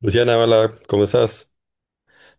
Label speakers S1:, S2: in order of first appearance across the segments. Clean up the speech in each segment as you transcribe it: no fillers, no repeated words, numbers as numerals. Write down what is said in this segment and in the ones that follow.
S1: Luciana, hola, ¿cómo estás?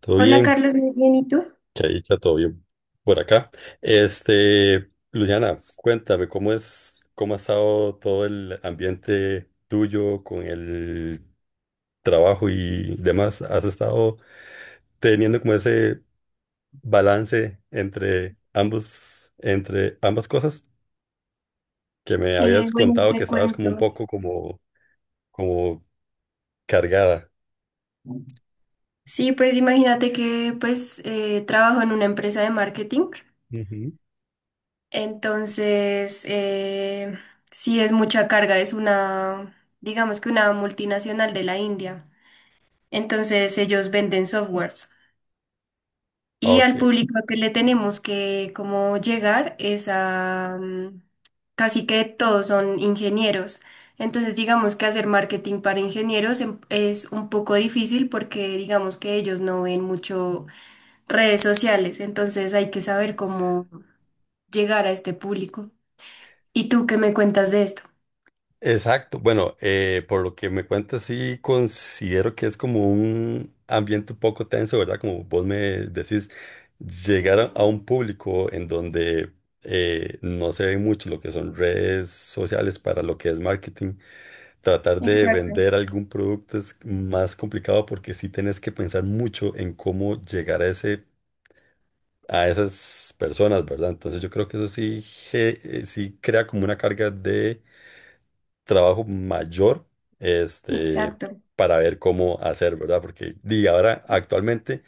S1: ¿Todo
S2: Hola
S1: bien?
S2: Carlos, muy bien, ¿y tú?
S1: Que ahí está todo bien por acá. Luciana, cuéntame, ¿cómo es, cómo ha estado todo el ambiente tuyo con el trabajo y demás? ¿Has estado teniendo como ese balance entre ambos, entre ambas cosas? Que me
S2: Eh,
S1: habías
S2: bueno,
S1: contado que
S2: te
S1: estabas como un
S2: cuento.
S1: poco como cargada.
S2: Sí, pues imagínate que trabajo en una empresa de marketing,
S1: Ujú.
S2: entonces sí es mucha carga, es una, digamos que una multinacional de la India. Entonces ellos venden softwares. Y
S1: Ok.
S2: al público que le tenemos que como llegar es a casi que todos son ingenieros. Entonces digamos que hacer marketing para ingenieros es un poco difícil, porque digamos que ellos no ven mucho redes sociales. Entonces hay que saber cómo llegar a este público. ¿Y tú qué me cuentas de esto?
S1: Exacto. Bueno, por lo que me cuentas, sí considero que es como un ambiente un poco tenso, ¿verdad? Como vos me decís, llegar a un público en donde no se ve mucho lo que son redes sociales para lo que es marketing. Tratar de
S2: Exacto,
S1: vender algún producto es más complicado porque sí tenés que pensar mucho en cómo llegar a a esas personas, ¿verdad? Entonces yo creo que eso sí, sí crea como una carga de trabajo mayor, este,
S2: exacto.
S1: para ver cómo hacer, ¿verdad? Porque di, ahora actualmente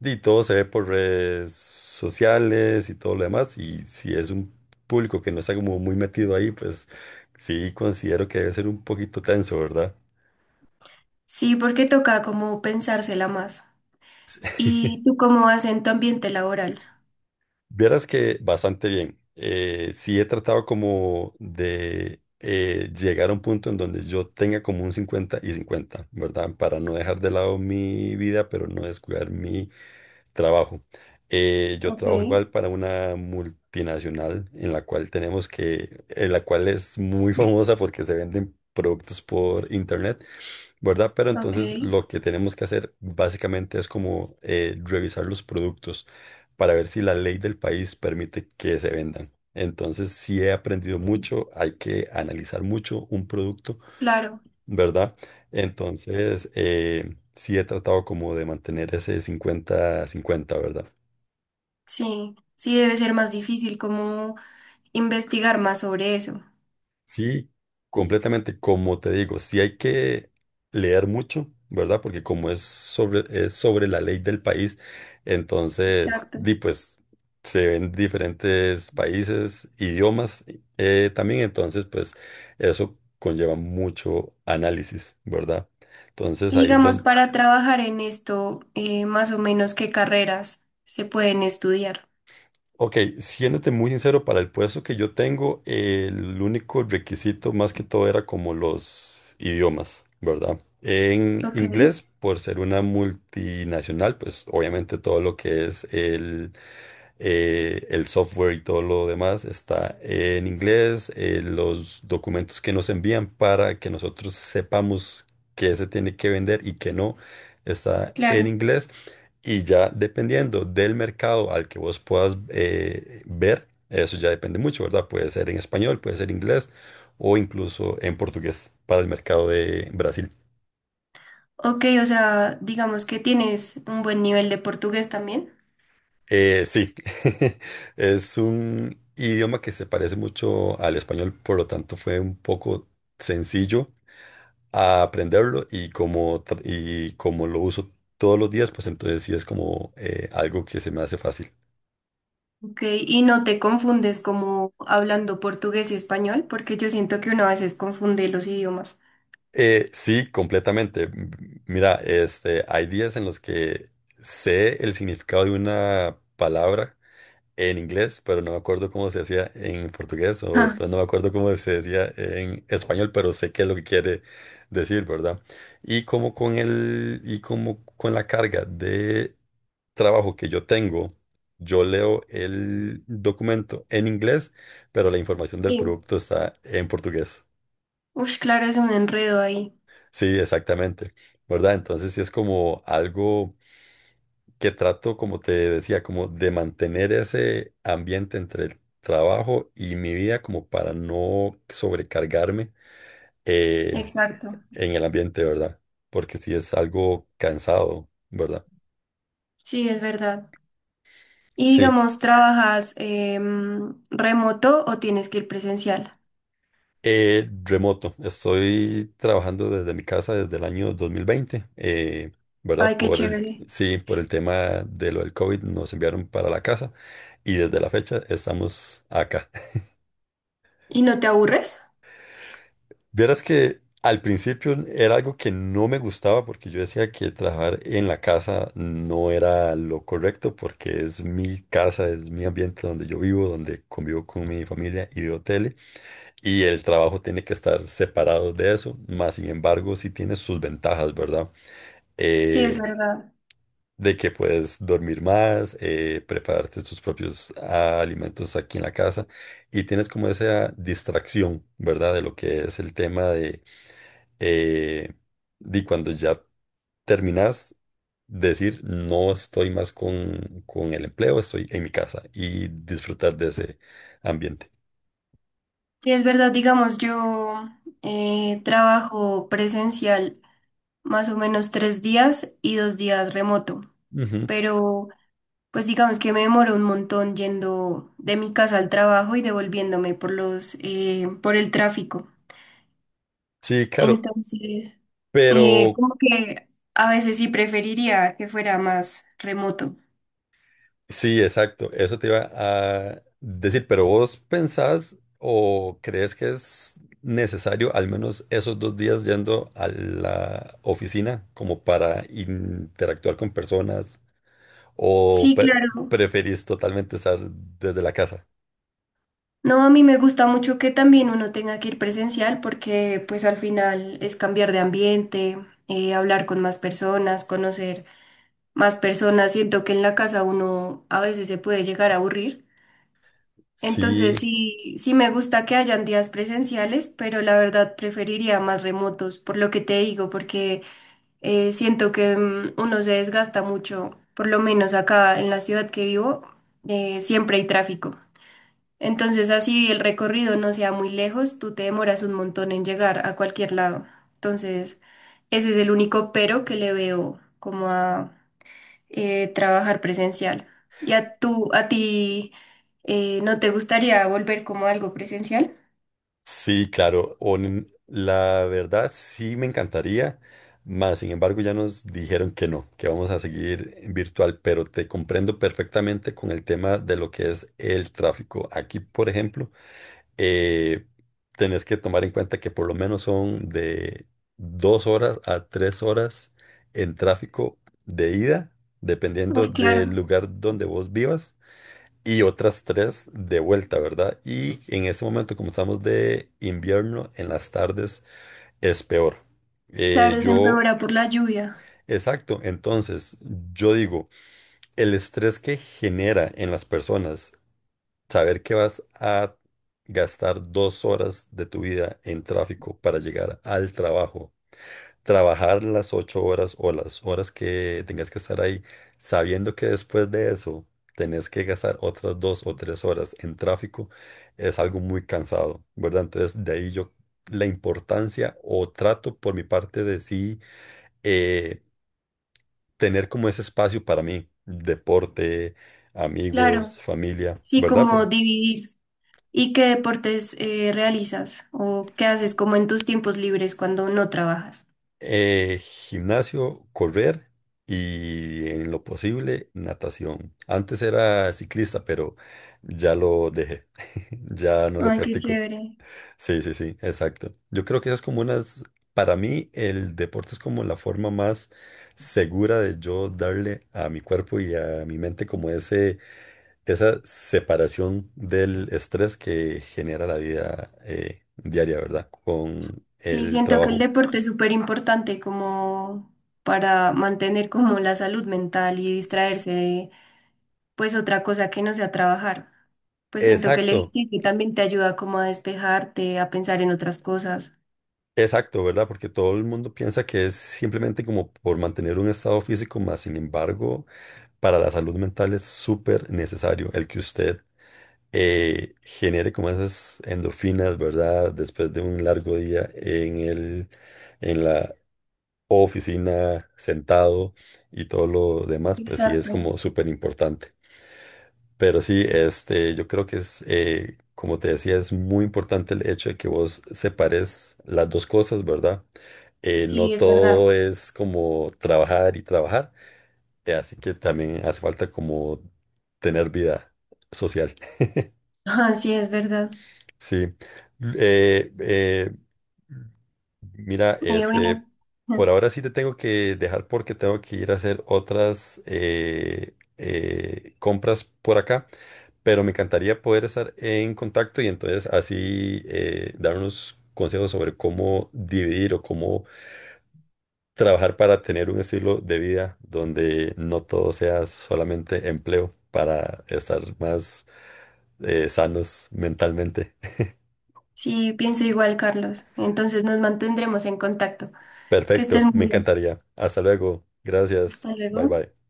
S1: di, todo se ve por redes sociales y todo lo demás, y si es un público que no está como muy metido ahí, pues sí considero que debe ser un poquito tenso, ¿verdad?
S2: Sí, porque toca como pensársela más. ¿Y tú cómo vas en tu ambiente laboral?
S1: Vieras que bastante bien. Sí he tratado como de llegar a un punto en donde yo tenga como un 50 y 50, ¿verdad? Para no dejar de lado mi vida, pero no descuidar mi trabajo. Yo
S2: Ok,
S1: trabajo igual para una multinacional en la cual en la cual es muy famosa porque se venden productos por internet, ¿verdad? Pero
S2: ok,
S1: entonces lo que tenemos que hacer básicamente es como revisar los productos para ver si la ley del país permite que se vendan. Entonces, sí he aprendido mucho, hay que analizar mucho un producto,
S2: claro.
S1: ¿verdad? Entonces, sí he tratado como de mantener ese 50 50, ¿verdad?
S2: Sí, sí debe ser más difícil como investigar más sobre eso.
S1: Sí, completamente, como te digo, sí hay que leer mucho, ¿verdad? Porque como es es sobre la ley del país, entonces,
S2: Exacto.
S1: di pues, se ven diferentes países, idiomas también, entonces, pues, eso conlleva mucho análisis, ¿verdad? Entonces,
S2: Y
S1: ahí es
S2: digamos,
S1: donde
S2: para trabajar en esto, más o menos qué carreras se pueden estudiar.
S1: ok, siéndote muy sincero, para el puesto que yo tengo, el único requisito más que todo era como los idiomas, ¿verdad? En
S2: Ok,
S1: inglés, por ser una multinacional, pues obviamente todo lo que es el software y todo lo demás está en inglés, los documentos que nos envían para que nosotros sepamos qué se tiene que vender y qué no está en
S2: claro.
S1: inglés. Y ya dependiendo del mercado al que vos puedas ver, eso ya depende mucho, ¿verdad? Puede ser en español, puede ser inglés o incluso en portugués para el mercado de Brasil.
S2: Ok, o sea, digamos que tienes un buen nivel de portugués también.
S1: Sí, es un idioma que se parece mucho al español, por lo tanto fue un poco sencillo a aprenderlo y y como lo uso todos los días, pues entonces sí es como algo que se me hace fácil.
S2: Ok, ¿y no te confundes como hablando portugués y español? Porque yo siento que uno a veces confunde los idiomas.
S1: Sí, completamente. Mira, hay días en los que sé el significado de una palabra en inglés, pero no me acuerdo cómo se hacía en portugués, o
S2: Ja.
S1: después no me acuerdo cómo se decía en español, pero sé qué es lo que quiere decir, ¿verdad? Y y como con la carga de trabajo que yo tengo, yo leo el documento en inglés, pero la información del
S2: Sí.
S1: producto está en portugués.
S2: Ush, claro, es un enredo ahí.
S1: Sí, exactamente, ¿verdad? Entonces sí es como algo que trato, como te decía, como de mantener ese ambiente entre el trabajo y mi vida como para no sobrecargarme eh,
S2: Exacto.
S1: en el ambiente, ¿verdad? Porque sí es algo cansado, ¿verdad?
S2: Sí, es verdad. Y
S1: Sí.
S2: digamos, ¿trabajas remoto o tienes que ir presencial?
S1: Remoto, estoy trabajando desde mi casa desde el año 2020, ¿verdad?
S2: Ay, qué chévere.
S1: Sí, por el tema de lo del COVID nos enviaron para la casa y desde la fecha estamos acá.
S2: ¿Y no te aburres?
S1: Vieras que al principio era algo que no me gustaba porque yo decía que trabajar en la casa no era lo correcto porque es mi casa, es mi ambiente donde yo vivo, donde convivo con mi familia y veo tele, y el trabajo tiene que estar separado de eso, más sin embargo, sí tiene sus ventajas, ¿verdad?
S2: Sí, es
S1: Eh,
S2: verdad.
S1: de que puedes dormir más, prepararte tus propios alimentos aquí en la casa y tienes como esa distracción, ¿verdad? De lo que es el tema eh, de cuando ya terminas, decir, no estoy más con el empleo, estoy en mi casa y disfrutar de ese ambiente.
S2: Sí, es verdad. Digamos, yo trabajo presencial más o menos tres días y dos días remoto.
S1: Ujú.
S2: Pero, pues digamos que me demoro un montón yendo de mi casa al trabajo y devolviéndome por los, por el tráfico.
S1: Sí, claro,
S2: Entonces,
S1: pero
S2: como que a veces sí preferiría que fuera más remoto.
S1: sí, exacto. Eso te iba a decir, pero vos pensás o crees que es necesario al menos esos 2 días yendo a la oficina como para interactuar con personas o
S2: Sí, claro.
S1: preferís totalmente estar desde la casa.
S2: No, a mí me gusta mucho que también uno tenga que ir presencial, porque pues al final es cambiar de ambiente, hablar con más personas, conocer más personas. Siento que en la casa uno a veces se puede llegar a aburrir. Entonces
S1: Sí.
S2: sí, sí me gusta que hayan días presenciales, pero la verdad preferiría más remotos, por lo que te digo, porque… siento que uno se desgasta mucho. Por lo menos acá en la ciudad que vivo, siempre hay tráfico. Entonces, así el recorrido no sea muy lejos, tú te demoras un montón en llegar a cualquier lado. Entonces, ese es el único pero que le veo como a trabajar presencial. ¿Ya tú, a ti, no te gustaría volver como algo presencial?
S1: Sí, claro. La verdad sí me encantaría, mas sin embargo ya nos dijeron que no, que vamos a seguir en virtual, pero te comprendo perfectamente con el tema de lo que es el tráfico. Aquí, por ejemplo, eh, tenés que tomar en cuenta que por lo menos son de 2 horas a 3 horas en tráfico de ida, dependiendo
S2: Uf,
S1: del
S2: claro,
S1: lugar donde vos vivas y otras 3 de vuelta, ¿verdad? Y en ese momento, como estamos de invierno, en las tardes es peor. Eh,
S2: claro, se
S1: yo,
S2: empeora por la lluvia.
S1: exacto, entonces yo digo, el estrés que genera en las personas saber que vas a gastar 2 horas de tu vida en tráfico para llegar al trabajo, trabajar las 8 horas o las horas que tengas que estar ahí, sabiendo que después de eso tenés que gastar otras 2 o 3 horas en tráfico, es algo muy cansado, ¿verdad? Entonces, de ahí yo la importancia o trato por mi parte de sí eh, tener como ese espacio para mí, deporte,
S2: Claro,
S1: amigos, familia,
S2: sí,
S1: ¿verdad?
S2: como dividir. ¿Y qué deportes realizas o qué haces como en tus tiempos libres cuando no trabajas?
S1: Gimnasio, correr y en lo posible natación. Antes era ciclista, pero ya lo dejé. Ya no lo
S2: Ay, qué
S1: practico.
S2: chévere.
S1: Sí, sí, sí, exacto. Yo creo que esas para mí el deporte es como la forma más segura de yo darle a mi cuerpo y a mi mente como esa separación del estrés que genera la vida diaria, ¿verdad? Con
S2: Sí,
S1: el
S2: siento que el
S1: trabajo.
S2: deporte es súper importante como para mantener como la salud mental y distraerse de pues otra cosa que no sea trabajar. Pues siento que el
S1: Exacto.
S2: ejercicio también te ayuda como a despejarte, a pensar en otras cosas.
S1: Exacto, ¿verdad? Porque todo el mundo piensa que es simplemente como por mantener un estado físico, más sin embargo, para la salud mental es súper necesario el que usted genere como esas endorfinas, ¿verdad? Después de un largo día en la oficina, sentado y todo lo demás, pues sí es
S2: Exacto.
S1: como súper importante. Pero sí, yo creo que como te decía, es muy importante el hecho de que vos separes las dos cosas, ¿verdad? No
S2: Sí, es verdad.
S1: todo es como trabajar y trabajar, así que también hace falta como tener vida social.
S2: Ah, sí, es verdad.
S1: Sí. Eh, eh, mira,
S2: Y bueno,
S1: por ahora sí te tengo que dejar porque tengo que ir a hacer otras compras por acá, pero me encantaría poder estar en contacto y entonces así dar unos consejos sobre cómo dividir o cómo trabajar para tener un estilo de vida donde no todo sea solamente empleo para estar más sanos mentalmente.
S2: sí, pienso igual, Carlos. Entonces nos mantendremos en contacto. Que estés
S1: Perfecto, me
S2: muy bien.
S1: encantaría. Hasta luego. Gracias.
S2: Hasta
S1: Bye
S2: luego.
S1: bye.